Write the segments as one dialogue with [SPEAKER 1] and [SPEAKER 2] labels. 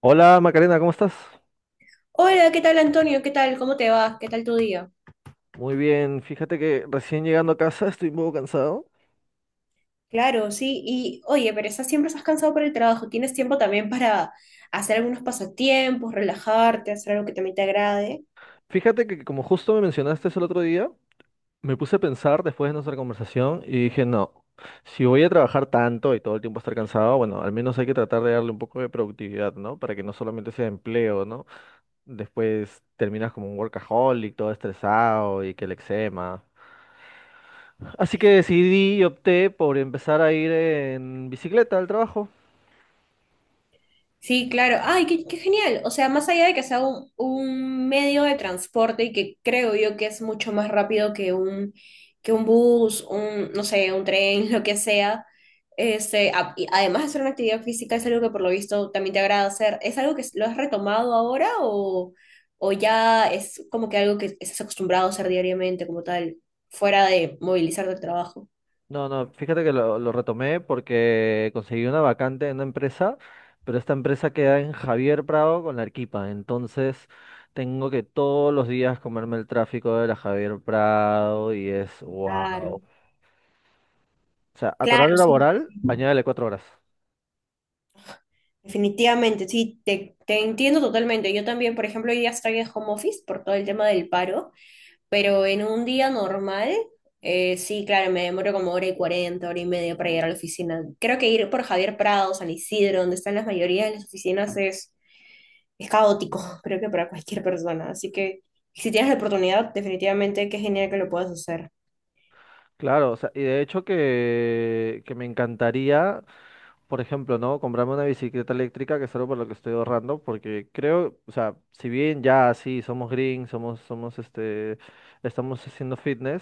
[SPEAKER 1] Hola Macarena, ¿cómo estás?
[SPEAKER 2] Hola, ¿qué tal Antonio? ¿Qué tal? ¿Cómo te va? ¿Qué tal tu día?
[SPEAKER 1] Muy bien, fíjate que recién llegando a casa estoy un poco cansado.
[SPEAKER 2] Claro, sí. Y oye, pero estás siempre estás cansado por el trabajo. ¿Tienes tiempo también para hacer algunos pasatiempos, relajarte, hacer algo que también te agrade?
[SPEAKER 1] Fíjate que como justo me mencionaste eso el otro día, me puse a pensar después de nuestra conversación y dije, no, si voy a trabajar tanto y todo el tiempo estar cansado, bueno, al menos hay que tratar de darle un poco de productividad, ¿no? Para que no solamente sea empleo, ¿no? Después terminas como un workaholic, todo estresado y que el eczema. Así que decidí y opté por empezar a ir en bicicleta al trabajo.
[SPEAKER 2] Sí, claro. Ay, qué genial. O sea, más allá de que sea un medio de transporte y que creo yo que es mucho más rápido que un bus, un, no sé, un tren, lo que sea. Y además de hacer una actividad física, es algo que por lo visto también te agrada hacer. ¿Es algo que lo has retomado ahora, o ya es como que algo que estás acostumbrado a hacer diariamente como tal, fuera de movilizarte al trabajo?
[SPEAKER 1] No, no, fíjate que lo retomé porque conseguí una vacante en una empresa, pero esta empresa queda en Javier Prado con la Arequipa, entonces tengo que todos los días comerme el tráfico de la Javier Prado y es wow.
[SPEAKER 2] Claro,
[SPEAKER 1] O sea, a tu horario
[SPEAKER 2] claro, sí.
[SPEAKER 1] laboral, añádele cuatro horas.
[SPEAKER 2] Definitivamente, sí, te entiendo totalmente. Yo también, por ejemplo, hoy día estoy en home office por todo el tema del paro, pero en un día normal, sí, claro, me demoro como hora y cuarenta, hora y media para llegar a la oficina. Creo que ir por Javier Prado, San Isidro, donde están las mayoría de las oficinas, es caótico, creo que para cualquier persona. Así que si tienes la oportunidad, definitivamente qué genial que lo puedas hacer.
[SPEAKER 1] Claro, o sea, y de hecho que me encantaría por ejemplo, ¿no? Comprarme una bicicleta eléctrica, que es algo por lo que estoy ahorrando, porque creo, o sea, si bien ya sí somos green, somos, somos estamos haciendo fitness,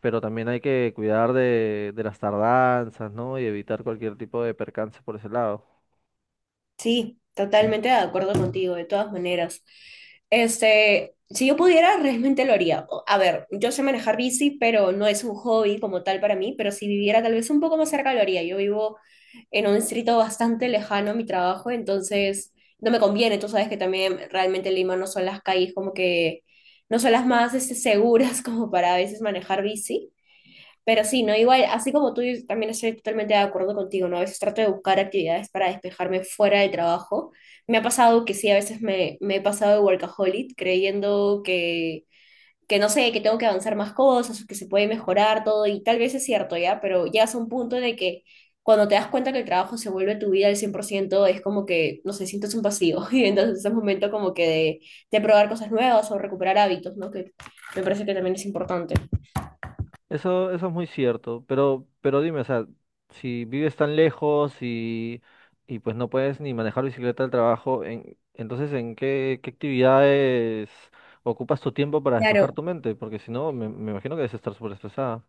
[SPEAKER 1] pero también hay que cuidar de las tardanzas, ¿no? Y evitar cualquier tipo de percance por ese lado.
[SPEAKER 2] Sí, totalmente de acuerdo contigo, de todas maneras. Este, si yo pudiera, realmente lo haría. A ver, yo sé manejar bici, pero no es un hobby como tal para mí, pero si viviera tal vez un poco más cerca, lo haría. Yo vivo en un distrito bastante lejano a mi trabajo, entonces no me conviene. Tú sabes que también realmente Lima no son las calles como que, no son las más este, seguras como para a veces manejar bici. Pero sí, ¿no? Igual, así como tú, yo también estoy totalmente de acuerdo contigo, ¿no? A veces trato de buscar actividades para despejarme fuera del trabajo. Me ha pasado que sí, a veces me he pasado de workaholic creyendo que, no sé, que tengo que avanzar más cosas, o que se puede mejorar todo, y tal vez es cierto, ¿ya? Pero llegas a un punto en el que cuando te das cuenta que el trabajo se vuelve tu vida al 100% es como que, no sé, sientes un vacío. Y entonces es un momento como que de probar cosas nuevas o recuperar hábitos, ¿no? Que me parece que también es importante.
[SPEAKER 1] Eso es muy cierto, pero dime, o sea, si vives tan lejos y pues no puedes ni manejar bicicleta al trabajo, entonces ¿en qué, qué actividades ocupas tu tiempo para despejar
[SPEAKER 2] Claro.
[SPEAKER 1] tu mente? Porque si no, me imagino que debes estar súper estresada.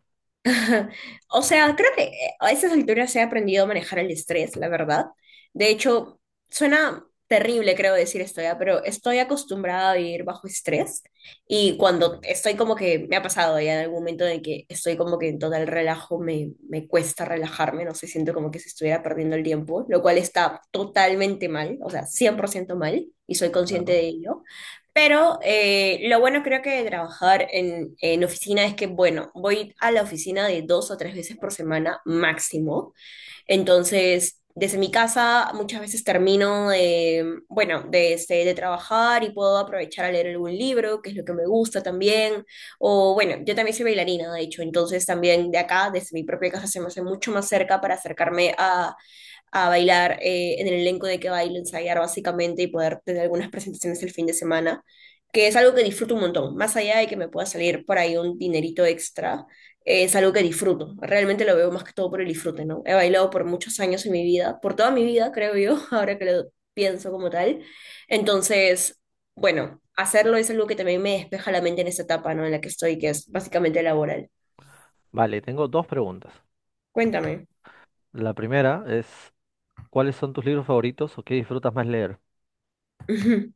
[SPEAKER 2] O sea, creo que a esas alturas he aprendido a manejar el estrés, la verdad. De hecho, suena terrible, creo decir esto ya, pero estoy acostumbrada a vivir bajo estrés y cuando estoy como que, me ha pasado ya en algún momento de que estoy como que en total relajo, me cuesta relajarme, no sé, siento como que si estuviera perdiendo el tiempo, lo cual está totalmente mal, o sea, 100% mal y soy consciente
[SPEAKER 1] Claro.
[SPEAKER 2] de ello. Pero lo bueno creo que de trabajar en oficina es que, bueno, voy a la oficina de dos o tres veces por semana máximo. Entonces, desde mi casa muchas veces termino de, bueno, de, este, de trabajar y puedo aprovechar a leer algún libro, que es lo que me gusta también. O bueno, yo también soy bailarina, de hecho. Entonces, también de acá, desde mi propia casa, se me hace mucho más cerca para acercarme a bailar en el elenco de que baile ensayar básicamente y poder tener algunas presentaciones el fin de semana, que es algo que disfruto un montón, más allá de que me pueda salir por ahí un dinerito extra, es algo que disfruto, realmente lo veo más que todo por el disfrute, ¿no? He bailado por muchos años en mi vida, por toda mi vida, creo yo, ahora que lo pienso como tal, entonces, bueno, hacerlo es algo que también me despeja la mente en esta etapa, ¿no? En la que estoy, que es básicamente laboral.
[SPEAKER 1] Vale, tengo dos preguntas.
[SPEAKER 2] Cuéntame.
[SPEAKER 1] La primera es, ¿cuáles son tus libros favoritos o qué disfrutas más leer?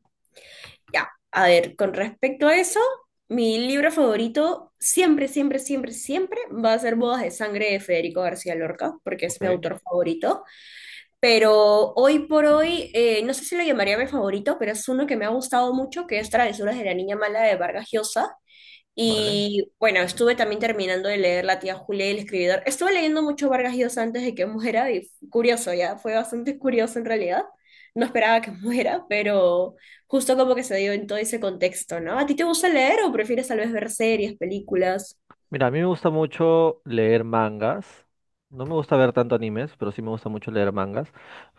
[SPEAKER 2] Ya, a ver, con respecto a eso, mi libro favorito siempre, siempre, siempre, siempre va a ser Bodas de Sangre de Federico García Lorca, porque es mi
[SPEAKER 1] Ok,
[SPEAKER 2] autor favorito. Pero hoy por hoy, no sé si lo llamaría mi favorito, pero es uno que me ha gustado mucho, que es Travesuras de la Niña Mala de Vargas Llosa.
[SPEAKER 1] vale.
[SPEAKER 2] Y bueno, estuve también terminando de leer La tía Julia y el escribidor. Estuve leyendo mucho Vargas Llosa antes de que muera y curioso, ya fue bastante curioso en realidad. No esperaba que muera, pero justo como que se dio en todo ese contexto, ¿no? ¿A ti te gusta leer o prefieres tal vez ver series, películas?
[SPEAKER 1] Mira, a mí me gusta mucho leer mangas. No me gusta ver tanto animes, pero sí me gusta mucho leer mangas.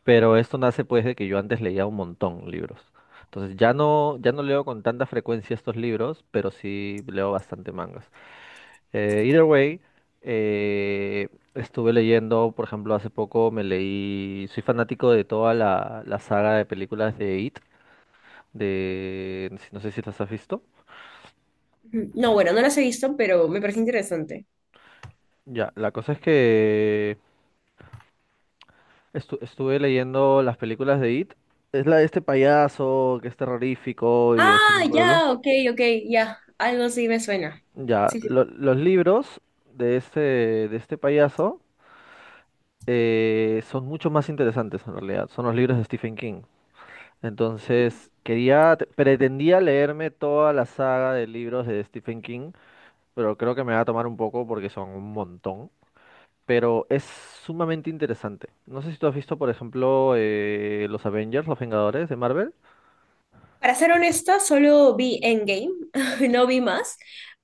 [SPEAKER 1] Pero esto nace pues de que yo antes leía un montón libros. Entonces ya no, ya no leo con tanta frecuencia estos libros, pero sí leo bastante mangas. Either way, eh, estuve leyendo, por ejemplo, hace poco me leí, soy fanático de toda la saga de películas de It, de, no sé si las has visto.
[SPEAKER 2] Ujú. No, bueno, no las he visto, pero me parece interesante.
[SPEAKER 1] Ya, la cosa es que estuve leyendo las películas de It. Es la de este payaso que es terrorífico y es en
[SPEAKER 2] Ah,
[SPEAKER 1] un pueblo.
[SPEAKER 2] ya, ok, ok, ya, algo sí me suena.
[SPEAKER 1] Ya,
[SPEAKER 2] Sí, sí.
[SPEAKER 1] los libros de este payaso son mucho más interesantes en realidad. Son los libros de Stephen King. Entonces, pretendía leerme toda la saga de libros de Stephen King, pero creo que me va a tomar un poco porque son un montón. Pero es sumamente interesante. No sé si tú has visto, por ejemplo, los Avengers, los Vengadores de Marvel.
[SPEAKER 2] Para ser honesta, solo vi Endgame, no vi más,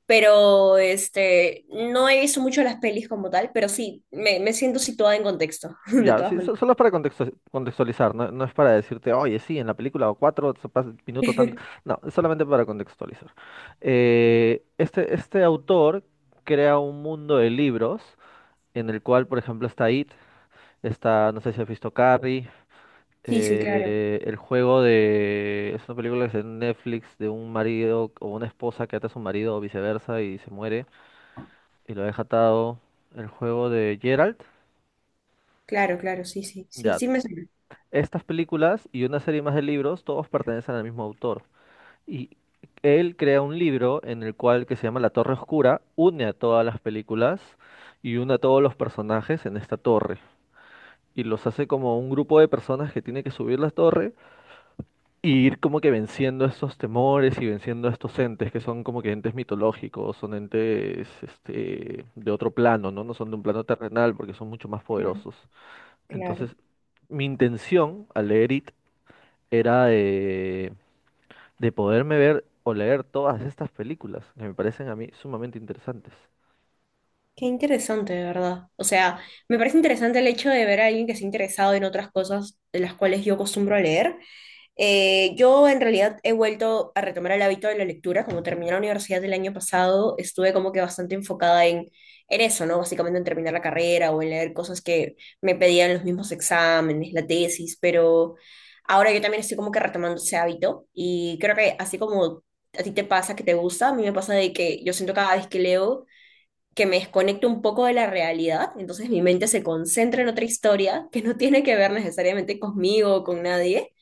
[SPEAKER 2] pero este, no he visto mucho las pelis como tal, pero sí, me siento situada en contexto, de
[SPEAKER 1] Ya,
[SPEAKER 2] todas
[SPEAKER 1] sí,
[SPEAKER 2] maneras.
[SPEAKER 1] solo es para contextualizar, no, no es para decirte, oye, sí, en la película o cuatro, se pasa el minuto tanto. No, es solamente para contextualizar. Este autor crea un mundo de libros en el cual, por ejemplo, está It, está, no sé si has visto Carrie,
[SPEAKER 2] Sí, sí, claro,
[SPEAKER 1] el juego de... Es una película que se ve en Netflix de un marido o una esposa que ata a su marido o viceversa y se muere y lo deja atado. El juego de Gerald.
[SPEAKER 2] claro, claro, sí, sí, sí,
[SPEAKER 1] Ya.
[SPEAKER 2] sí me suena.
[SPEAKER 1] Estas películas y una serie más de libros, todos pertenecen al mismo autor. Y él crea un libro en el cual, que se llama La Torre Oscura, une a todas las películas y une a todos los personajes en esta torre. Y los hace como un grupo de personas que tiene que subir la torre y ir como que venciendo estos temores y venciendo estos entes que son como que entes mitológicos, son entes este, de otro plano, ¿no? No son de un plano terrenal porque son mucho más
[SPEAKER 2] Mm.
[SPEAKER 1] poderosos.
[SPEAKER 2] Claro.
[SPEAKER 1] Entonces, mi intención al leer It era de poderme ver o leer todas estas películas, que me parecen a mí sumamente interesantes.
[SPEAKER 2] Qué interesante, de verdad. O sea, me parece interesante el hecho de ver a alguien que se ha interesado en otras cosas de las cuales yo acostumbro a leer. Yo en realidad he vuelto a retomar el hábito de la lectura, como terminé la universidad el año pasado, estuve como que bastante enfocada en eso, ¿no? Básicamente en terminar la carrera o en leer cosas que me pedían los mismos exámenes, la tesis, pero ahora yo también estoy como que retomando ese hábito y creo que así como a ti te pasa que te gusta, a mí me pasa de que yo siento cada vez que leo que me desconecto un poco de la realidad, entonces mi mente se concentra en otra historia que no tiene que ver necesariamente conmigo o con nadie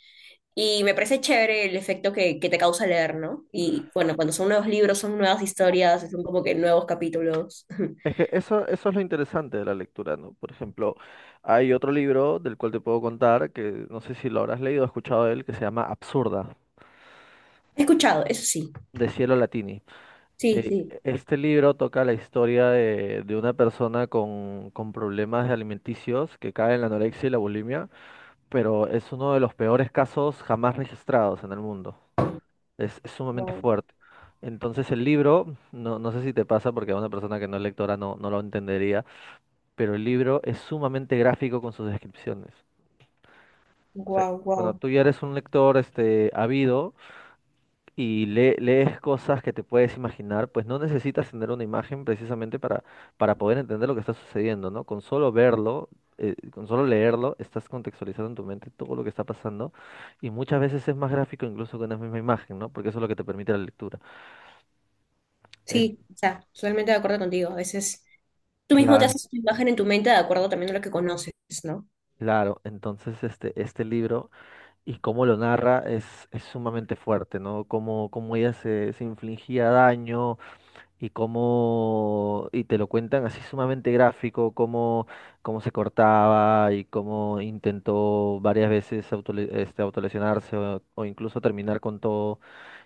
[SPEAKER 2] y me parece chévere el efecto que te causa leer, ¿no? Y bueno, cuando son nuevos libros, son nuevas historias, son como que nuevos capítulos.
[SPEAKER 1] Es que eso es lo interesante de la lectura, ¿no? Por ejemplo, hay otro libro del cual te puedo contar, que no sé si lo habrás leído o escuchado de él, que se llama Absurda,
[SPEAKER 2] He escuchado, eso sí.
[SPEAKER 1] de Cielo Latini.
[SPEAKER 2] Sí,
[SPEAKER 1] Eh,
[SPEAKER 2] sí.
[SPEAKER 1] este libro toca la historia de una persona con problemas alimenticios que cae en la anorexia y la bulimia, pero es uno de los peores casos jamás registrados en el mundo. Es sumamente
[SPEAKER 2] Wow,
[SPEAKER 1] fuerte. Entonces el libro, no, no sé si te pasa porque a una persona que no es lectora no, no lo entendería, pero el libro es sumamente gráfico con sus descripciones. O sea,
[SPEAKER 2] wow,
[SPEAKER 1] cuando
[SPEAKER 2] wow.
[SPEAKER 1] tú ya eres un lector este, ávido y lees cosas que te puedes imaginar, pues no necesitas tener una imagen precisamente para poder entender lo que está sucediendo, ¿no? Con solo verlo, con solo leerlo, estás contextualizando en tu mente todo lo que está pasando y muchas veces es más gráfico incluso que una misma imagen, ¿no? Porque eso es lo que te permite la lectura.
[SPEAKER 2] Sí, o sea, totalmente de acuerdo contigo. A veces, tú mismo te
[SPEAKER 1] Claro,
[SPEAKER 2] haces tu imagen en tu mente de acuerdo también a lo que conoces, ¿no?
[SPEAKER 1] claro. Entonces, este libro y cómo lo narra es sumamente fuerte, ¿no? Cómo, cómo ella se, se infligía daño y cómo, y te lo cuentan así sumamente gráfico, cómo, cómo se cortaba y cómo intentó varias veces autolesionarse o incluso terminar con todo.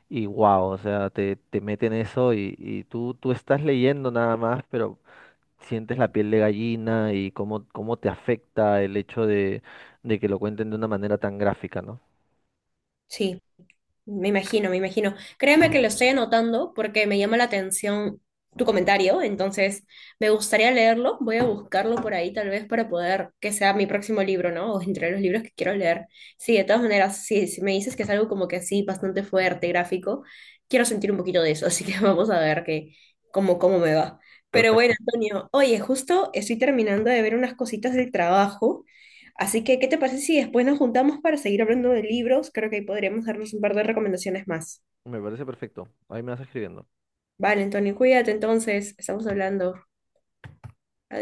[SPEAKER 1] Y wow, o sea, te meten eso y tú estás leyendo nada más, pero sientes la piel de gallina y cómo, cómo te afecta el hecho de que lo cuenten de una manera tan gráfica, ¿no?
[SPEAKER 2] Sí. Me imagino, me imagino. Créeme que lo estoy anotando porque me llama la atención tu comentario, entonces me gustaría leerlo, voy a buscarlo por ahí tal vez para poder que sea mi próximo libro, ¿no? O entre los libros que quiero leer. Sí, de todas maneras, sí, si me dices que es algo como que así, bastante fuerte, gráfico, quiero sentir un poquito de eso, así que vamos a ver que, cómo me va. Pero bueno,
[SPEAKER 1] Perfecto,
[SPEAKER 2] Antonio, oye, justo estoy terminando de ver unas cositas del trabajo. Así que, ¿qué te parece si después nos juntamos para seguir hablando de libros? Creo que ahí podríamos darnos un par de recomendaciones más.
[SPEAKER 1] me parece perfecto. Ahí me vas escribiendo.
[SPEAKER 2] Vale, Antonio, cuídate entonces, estamos hablando. Adiós.